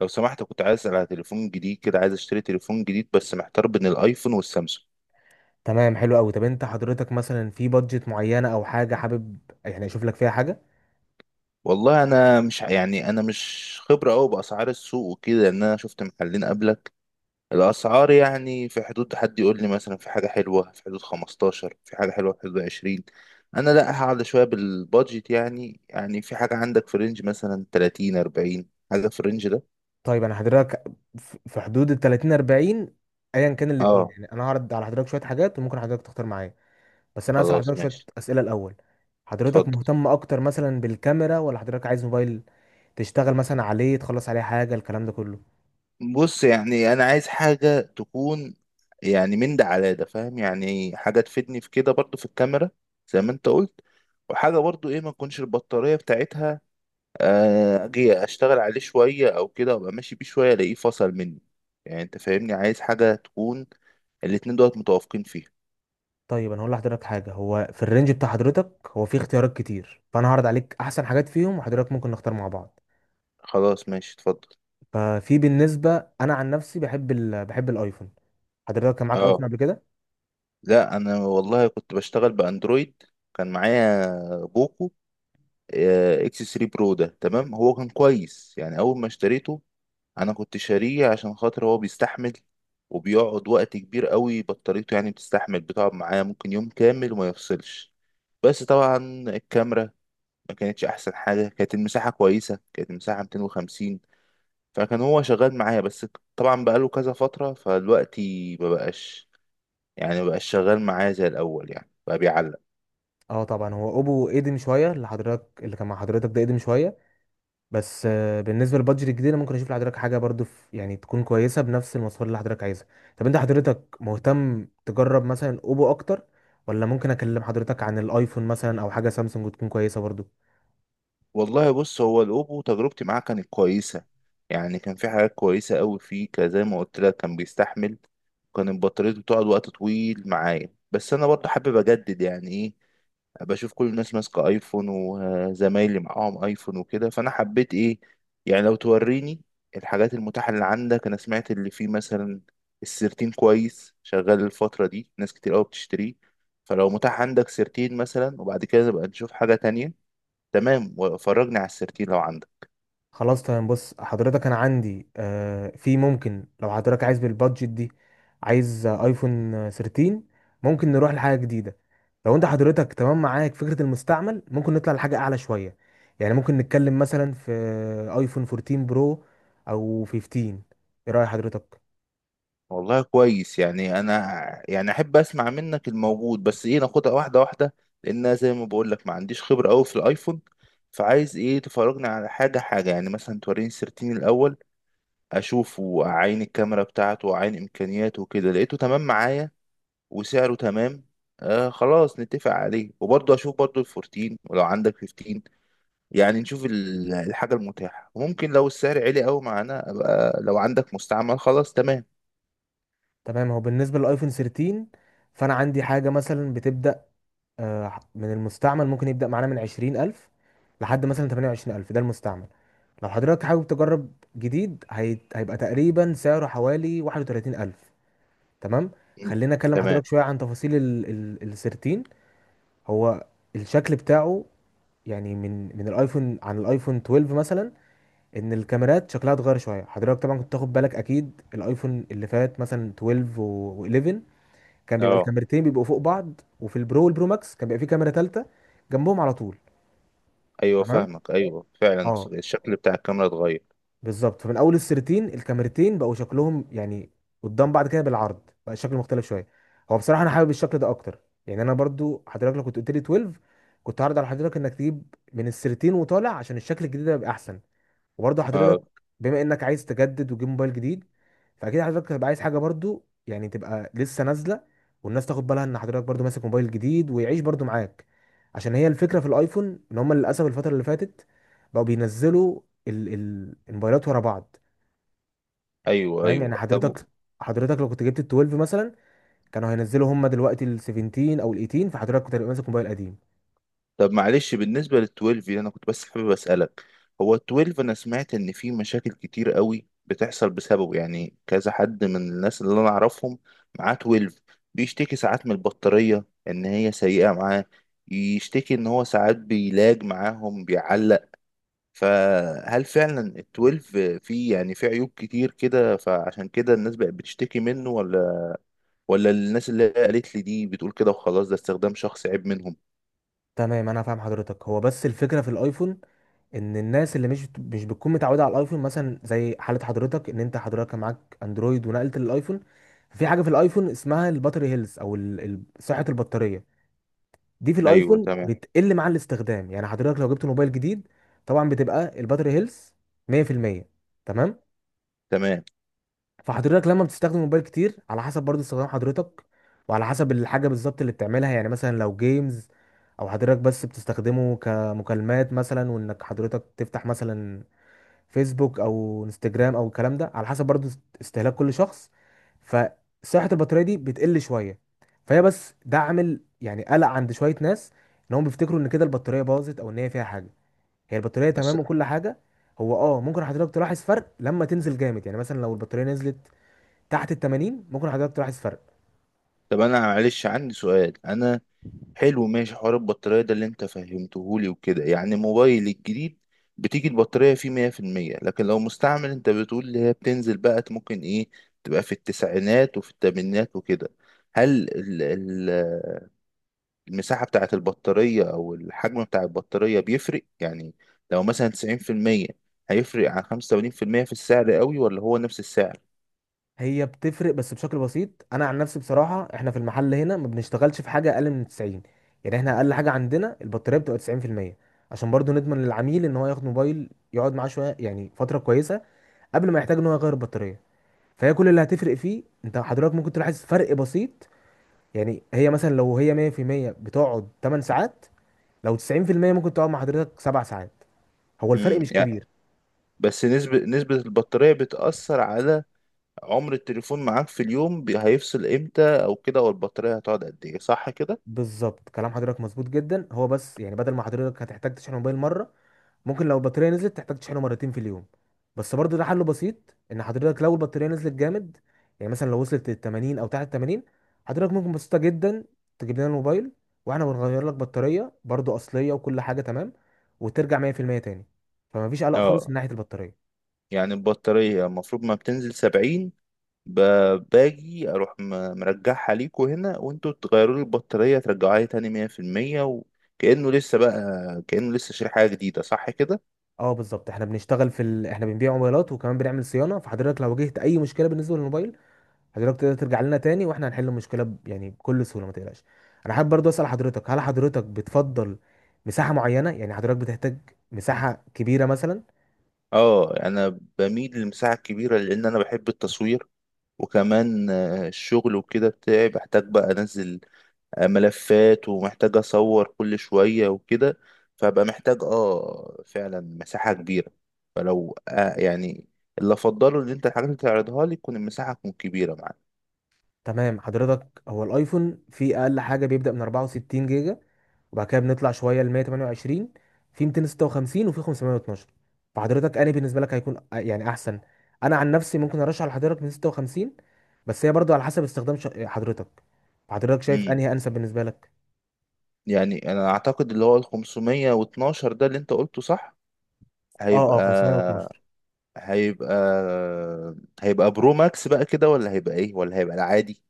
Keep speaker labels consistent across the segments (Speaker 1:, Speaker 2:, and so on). Speaker 1: لو سمحت، كنت عايز اسال على تليفون جديد كده. عايز اشتري تليفون جديد بس محتار بين الايفون والسامسونج.
Speaker 2: تمام، حلو قوي. طب انت حضرتك مثلا في بادجت معينه او حاجه حابب يعني اشوف لك فيها حاجه؟
Speaker 1: والله انا مش يعني انا مش خبره قوي باسعار السوق وكده، ان انا شفت محلين قبلك. الاسعار يعني في حدود، حد يقول لي مثلا في حاجه حلوه في حدود 15، في حاجه حلوه في حدود 20. انا لا هقعد شويه بالبادجت. يعني في حاجه عندك في رينج مثلا 30 40، حاجه في الرينج ده.
Speaker 2: طيب، انا حضرتك في حدود ال 30 40. ايا كان الاثنين،
Speaker 1: اه
Speaker 2: يعني انا هعرض على حضرتك شويه حاجات وممكن حضرتك تختار معايا. بس انا هسال
Speaker 1: خلاص
Speaker 2: حضرتك شويه
Speaker 1: ماشي،
Speaker 2: اسئله الاول. حضرتك
Speaker 1: اتفضل.
Speaker 2: مهتم اكتر مثلا بالكاميرا ولا حضرتك عايز موبايل تشتغل مثلا عليه، تخلص عليه حاجه، الكلام ده كله؟
Speaker 1: بص يعني انا عايز حاجه تكون، يعني من ده على ده فاهم، يعني حاجه تفيدني في كده برضو في الكاميرا زي ما انت قلت. وحاجه برضو ايه، ما تكونش البطاريه بتاعتها اجي اشتغل عليه شويه او كده وابقى ماشي بيه شويه الاقيه فصل مني. يعني انت فاهمني عايز حاجه تكون الاتنين دولت متوافقين فيها.
Speaker 2: طيب، انا هقول لحضرتك حاجه. هو في الرينج بتاع حضرتك هو في اختيارات كتير، فانا هعرض عليك احسن حاجات فيهم وحضرتك ممكن نختار مع بعض.
Speaker 1: خلاص ماشي، اتفضل.
Speaker 2: ففي بالنسبه انا عن نفسي بحب بحب الايفون. حضرتك كان معاك
Speaker 1: اه،
Speaker 2: ايفون قبل كده؟
Speaker 1: لا انا والله كنت بشتغل باندرويد. كان معايا بوكو اكس 3 برو، ده تمام. هو كان كويس يعني اول ما اشتريته، انا كنت شاريه عشان خاطر هو بيستحمل وبيقعد وقت كبير قوي بطاريته، يعني بتستحمل بتقعد معايا ممكن يوم كامل وما يفصلش. بس طبعا الكاميرا ما كانتش احسن حاجه. كانت المساحه كويسه، كانت المساحه 250. فكان هو شغال معايا، بس طبعا بقاله كذا فتره فدلوقتي ما بقاش، يعني ما بقاش شغال معايا زي الاول يعني بقى بيعلق.
Speaker 2: اه، طبعا. هو اوبو قديم شويه، اللي حضرتك اللي كان مع حضرتك ده قديم شويه. بس بالنسبه للبادجت الجديد، أنا ممكن اشوف لحضرتك حاجه برضو يعني تكون كويسه بنفس المواصفات اللي حضرتك عايزها. طب انت حضرتك مهتم تجرب مثلا اوبو اكتر، ولا ممكن اكلم حضرتك عن الايفون مثلا او حاجه سامسونج تكون كويسه برضو؟
Speaker 1: والله بص، هو الأوبو تجربتي معاه كانت كويسة. يعني كان في حاجات كويسة أوي فيه، زي ما قلت لك كان بيستحمل وكان البطارية بتقعد وقت طويل معايا. بس أنا برضه حابب أجدد يعني إيه، بشوف كل الناس ماسكة أيفون وزمايلي معاهم أيفون وكده، فأنا حبيت إيه يعني. لو توريني الحاجات المتاحة اللي عندك. أنا سمعت اللي فيه مثلا السيرتين كويس شغال، الفترة دي ناس كتير أوي بتشتريه. فلو متاح عندك سيرتين مثلا وبعد كده نبقى نشوف حاجة تانية. تمام، وفرجني على السيرتين لو عندك.
Speaker 2: خلاص تمام. بص حضرتك انا عندي في، ممكن لو حضرتك عايز بالبادجت دي، عايز ايفون 13. ممكن نروح لحاجه جديده. لو انت حضرتك تمام معاك فكره المستعمل، ممكن نطلع لحاجه اعلى شويه. يعني ممكن نتكلم مثلا في ايفون 14 برو او 15. ايه راي حضرتك؟
Speaker 1: والله كويس. يعني انا يعني احب اسمع منك الموجود، بس ايه، ناخدها واحده واحده. لان أنا زي ما بقول لك ما عنديش خبره قوي في الايفون، فعايز ايه تفرجني على حاجه حاجه، يعني مثلا توريني السيرتين الاول اشوفه، اعاين الكاميرا بتاعته واعاين امكانياته وكده. لقيته تمام معايا وسعره تمام، آه خلاص نتفق عليه. وبرضه اشوف برضه ال14 ولو عندك 15، يعني نشوف الحاجة المتاحة. ممكن لو السعر عالي قوي معانا أبقى لو عندك مستعمل خلاص تمام.
Speaker 2: تمام. هو بالنسبه للايفون 13 فانا عندي حاجه مثلا بتبدا من المستعمل. ممكن يبدأ معانا من 20 ألف لحد مثلا 28 ألف، ده المستعمل. لو حضرتك حابب تجرب جديد، هيبقى تقريبا سعره حوالي 31 ألف. تمام؟
Speaker 1: م-
Speaker 2: خلينا أكلم
Speaker 1: تمام.
Speaker 2: حضرتك شوية عن تفاصيل السيرتين. هو الشكل بتاعه، يعني من الايفون عن الايفون 12 مثلا. ان الكاميرات شكلها اتغير شويه. حضرتك طبعا كنت تاخد بالك اكيد الايفون اللي فات مثلا 12 و11، كان بيبقى
Speaker 1: اه
Speaker 2: الكاميرتين بيبقوا فوق بعض. وفي البرو والبرو ماكس كان بيبقى في كاميرا ثالثه جنبهم على طول.
Speaker 1: ايوه،
Speaker 2: تمام.
Speaker 1: فاهمك. ايوه فعلا
Speaker 2: اه،
Speaker 1: الشكل بتاع الكاميرا اتغير.
Speaker 2: بالظبط. فمن اول السيرتين الكاميرتين بقوا شكلهم يعني قدام بعض كده بالعرض، بقى الشكل مختلف شويه. هو بصراحه انا حابب الشكل ده اكتر. يعني انا برضو، حضرتك لو كنت قلت لي 12، كنت هعرض على حضرتك انك تجيب من السيرتين وطالع عشان الشكل الجديد ده يبقى احسن. وبرضه حضرتك
Speaker 1: اه
Speaker 2: بما انك عايز تجدد وتجيب موبايل جديد، فاكيد حضرتك هتبقى عايز حاجه برضه يعني تبقى لسه نازله، والناس تاخد بالها ان حضرتك برضه ماسك موبايل جديد، ويعيش برضه معاك. عشان هي الفكره في الايفون ان هم للاسف الفتره اللي فاتت بقوا بينزلوا ال الموبايلات ورا بعض.
Speaker 1: ايوه
Speaker 2: فاهم يعني؟
Speaker 1: ايوه، طب
Speaker 2: حضرتك لو كنت جبت ال 12 مثلا، كانوا هينزلوا هم دلوقتي ال 17 او ال 18، فحضرتك كنت هتبقى ماسك موبايل قديم.
Speaker 1: طب. معلش، بالنسبة لل 12 دي انا كنت بس حابب اسألك. هو ال 12، انا سمعت ان في مشاكل كتير قوي بتحصل بسببه، يعني كذا حد من الناس اللي انا اعرفهم معاه 12 بيشتكي ساعات من البطارية ان هي سيئة معاه، يشتكي ان هو ساعات بيلاج معاهم بيعلق. فهل فعلا ال 12 فيه يعني فيه عيوب كتير كده فعشان كده الناس بقت بتشتكي منه، ولا الناس اللي قالت لي دي بتقول كده وخلاص ده استخدام شخصي عيب منهم؟
Speaker 2: تمام. انا فاهم حضرتك. هو بس الفكره في الايفون، ان الناس اللي مش بتكون متعوده على الايفون مثلا زي حاله حضرتك، ان انت حضرتك كان معاك اندرويد ونقلت للايفون. في حاجه في الايفون اسمها الباتري هيلث او صحه البطاريه. دي في
Speaker 1: ايوه
Speaker 2: الايفون
Speaker 1: تمام
Speaker 2: بتقل مع الاستخدام. يعني حضرتك لو جبت موبايل جديد، طبعا بتبقى الباتري هيلث 100%. تمام؟
Speaker 1: تمام،
Speaker 2: فحضرتك لما بتستخدم موبايل كتير، على حسب برضه استخدام حضرتك وعلى حسب الحاجه بالظبط اللي بتعملها، يعني مثلا لو جيمز، او حضرتك بس بتستخدمه كمكالمات مثلا، وانك حضرتك تفتح مثلا فيسبوك او انستجرام او الكلام ده. على حسب برضو استهلاك كل شخص، فصحة البطارية دي بتقل شوية. فهي بس ده عامل يعني قلق عند شوية ناس، ان هم بيفتكروا ان كده البطارية باظت او ان هي فيها حاجة. هي البطارية
Speaker 1: بس.
Speaker 2: تمام وكل حاجة. هو اه ممكن حضرتك تلاحظ فرق لما تنزل جامد، يعني مثلا لو البطارية نزلت تحت ال 80 ممكن حضرتك تلاحظ فرق.
Speaker 1: طب انا معلش عندي سؤال. انا حلو ماشي، حوار البطارية ده اللي انت فهمتهولي وكده. يعني موبايل الجديد بتيجي البطارية فيه 100%، لكن لو مستعمل انت بتقول اللي هي بتنزل بقى ممكن ايه تبقى في التسعينات وفي التمانينات وكده. هل المساحة بتاعة البطارية او الحجم بتاع البطارية بيفرق يعني، لو مثلا 90% هيفرق عن 85% في السعر قوي ولا هو نفس السعر؟
Speaker 2: هي بتفرق بس بشكل بسيط. انا عن نفسي بصراحه احنا في المحل هنا ما بنشتغلش في حاجه اقل من 90. يعني احنا اقل حاجه عندنا البطاريه بتبقى 90%، عشان برضو نضمن للعميل ان هو ياخد موبايل يقعد معاه شويه يعني فتره كويسه قبل ما يحتاج ان هو يغير البطاريه. فهي كل اللي هتفرق فيه انت حضرتك ممكن تلاحظ فرق بسيط. يعني هي مثلا لو هي 100% بتقعد 8 ساعات، لو 90% ممكن تقعد مع حضرتك 7 ساعات. هو الفرق مش
Speaker 1: يعني
Speaker 2: كبير.
Speaker 1: بس نسبة البطارية بتأثر على عمر التليفون معاك في اليوم، هيفصل امتى او كده، او البطارية هتقعد قد ايه؟ صح كده.
Speaker 2: بالظبط، كلام حضرتك مظبوط جدا. هو بس يعني بدل ما حضرتك هتحتاج تشحن الموبايل مره، ممكن لو البطاريه نزلت تحتاج تشحنه مرتين في اليوم. بس برضه ده حله بسيط. ان حضرتك لو البطاريه نزلت جامد، يعني مثلا لو وصلت ل 80 او تحت 80، حضرتك ممكن بسيطه جدا تجيب لنا الموبايل واحنا بنغير لك بطاريه برضه اصليه وكل حاجه تمام وترجع 100% تاني. فما فيش قلق خالص من
Speaker 1: اه،
Speaker 2: ناحيه البطاريه.
Speaker 1: يعني البطارية المفروض ما بتنزل 70، باجي اروح مرجعها ليكوا هنا وانتوا تغيروا لي البطارية ترجعوها لي تاني 100%. وكأنه لسه بقى، كأنه لسه شاري حاجة جديدة، صح كده.
Speaker 2: اه، بالظبط. احنا بنشتغل في احنا بنبيع موبايلات وكمان بنعمل صيانه. فحضرتك لو واجهت اي مشكله بالنسبه للموبايل، حضرتك تقدر ترجع لنا تاني واحنا هنحل المشكله يعني بكل سهوله، ما تقلقش. انا حابب برضو اسال حضرتك، هل حضرتك بتفضل مساحه معينه؟ يعني حضرتك بتحتاج مساحه كبيره مثلا؟
Speaker 1: اه، انا بميل للمساحة الكبيرة لان انا بحب التصوير، وكمان الشغل وكده بتاعي بحتاج بقى انزل ملفات ومحتاج اصور كل شوية وكده. فبقى محتاج فعلا مساحة كبيرة. فلو يعني اللي افضله ان انت الحاجات اللي تعرضها لي تكون المساحة تكون كبيرة معاك.
Speaker 2: تمام حضرتك. هو الايفون فيه اقل حاجه بيبدا من 64 جيجا، وبعد كده بنطلع شويه ل 128، في 256 وفي 512. فحضرتك انا بالنسبه لك هيكون يعني احسن. انا عن نفسي ممكن ارشح لحضرتك من 56. بس هي برضو على حسب استخدام حضرتك. حضرتك شايف
Speaker 1: امم
Speaker 2: انهي انسب بالنسبه لك؟
Speaker 1: يعني انا اعتقد اللي هو ال 512 ده اللي انت قلته صح. هيبقى
Speaker 2: اه، اه، 512.
Speaker 1: هيبقى هيبقى برو ماكس بقى كده، ولا هيبقى ايه، ولا هيبقى العادي؟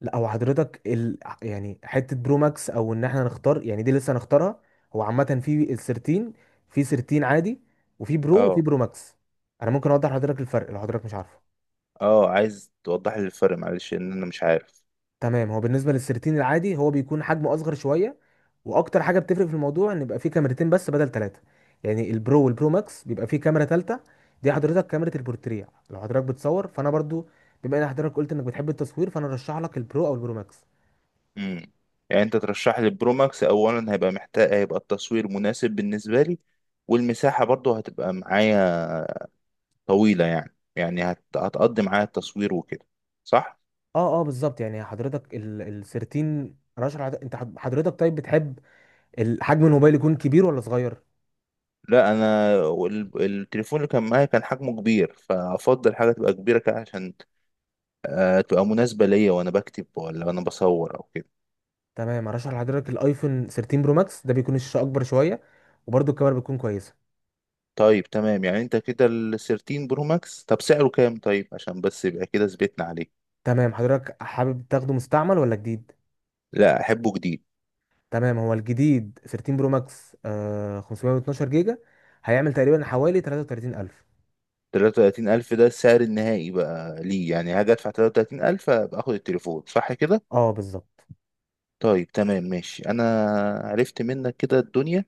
Speaker 2: لا، هو حضرتك يعني حته برو ماكس او ان احنا نختار، يعني دي لسه هنختارها. هو عامه في ال 13، في 13 عادي، وفي برو، وفي
Speaker 1: اه
Speaker 2: برو ماكس. انا ممكن اوضح لحضرتك الفرق لو حضرتك مش عارفه.
Speaker 1: اه، عايز توضح لي الفرق معلش ان انا مش عارف.
Speaker 2: تمام. هو بالنسبه لل 13 العادي هو بيكون حجمه اصغر شويه، واكتر حاجه بتفرق في الموضوع ان يبقى فيه كاميرتين بس بدل ثلاثه. يعني البرو والبرو ماكس بيبقى فيه كاميرا ثالثه، دي حضرتك كاميرا البورتريه. لو حضرتك بتصور، فانا برضو بما ان حضرتك قلت انك بتحب التصوير، فانا ارشح لك البرو او البرو ماكس.
Speaker 1: امم يعني انت ترشح لي برو ماكس اولا، هيبقى محتاج، هيبقى التصوير مناسب بالنسبه لي والمساحه برضو هتبقى معايا طويله، يعني هتقضي معايا التصوير وكده، صح.
Speaker 2: اه، اه، بالظبط. يعني حضرتك ال 13 رشح لحضرتك- انت حض- حضرتك طيب بتحب حجم الموبايل يكون كبير ولا صغير؟
Speaker 1: لا انا التليفون اللي كان معايا كان حجمه كبير، فافضل حاجه تبقى كبيره كده عشان تبقى مناسبه ليا وانا بكتب ولا انا بصور او كده.
Speaker 2: تمام. هرشح لحضرتك الايفون 13 برو ماكس، ده بيكون الشاشه اكبر شويه وبرده الكاميرا بتكون كويسه.
Speaker 1: طيب تمام، يعني انت كده ال 13 برو ماكس طب سعره كام؟ طيب عشان بس يبقى كده ثبتنا عليه.
Speaker 2: تمام. حضرتك حابب تاخده مستعمل ولا جديد؟
Speaker 1: لا، احبه جديد.
Speaker 2: تمام. هو الجديد 13 برو ماكس 512 جيجا هيعمل تقريبا حوالي 33,000.
Speaker 1: 33,000 ده السعر النهائي بقى ليه؟ يعني هاجي أدفع 33,000 أبقى آخد التليفون، صح كده؟
Speaker 2: اه، بالظبط.
Speaker 1: طيب تمام ماشي، أنا عرفت منك كده الدنيا.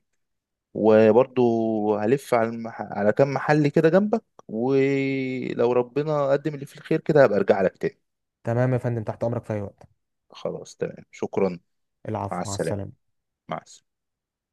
Speaker 1: وبرضو هلف على على كام محل كده جنبك، ولو ربنا قدم اللي فيه الخير كده هبقى أرجع لك تاني.
Speaker 2: تمام يا فندم، تحت امرك في اي وقت.
Speaker 1: خلاص تمام، شكرا. مع
Speaker 2: العفو، مع
Speaker 1: السلامة.
Speaker 2: السلامه.
Speaker 1: مع السلامة.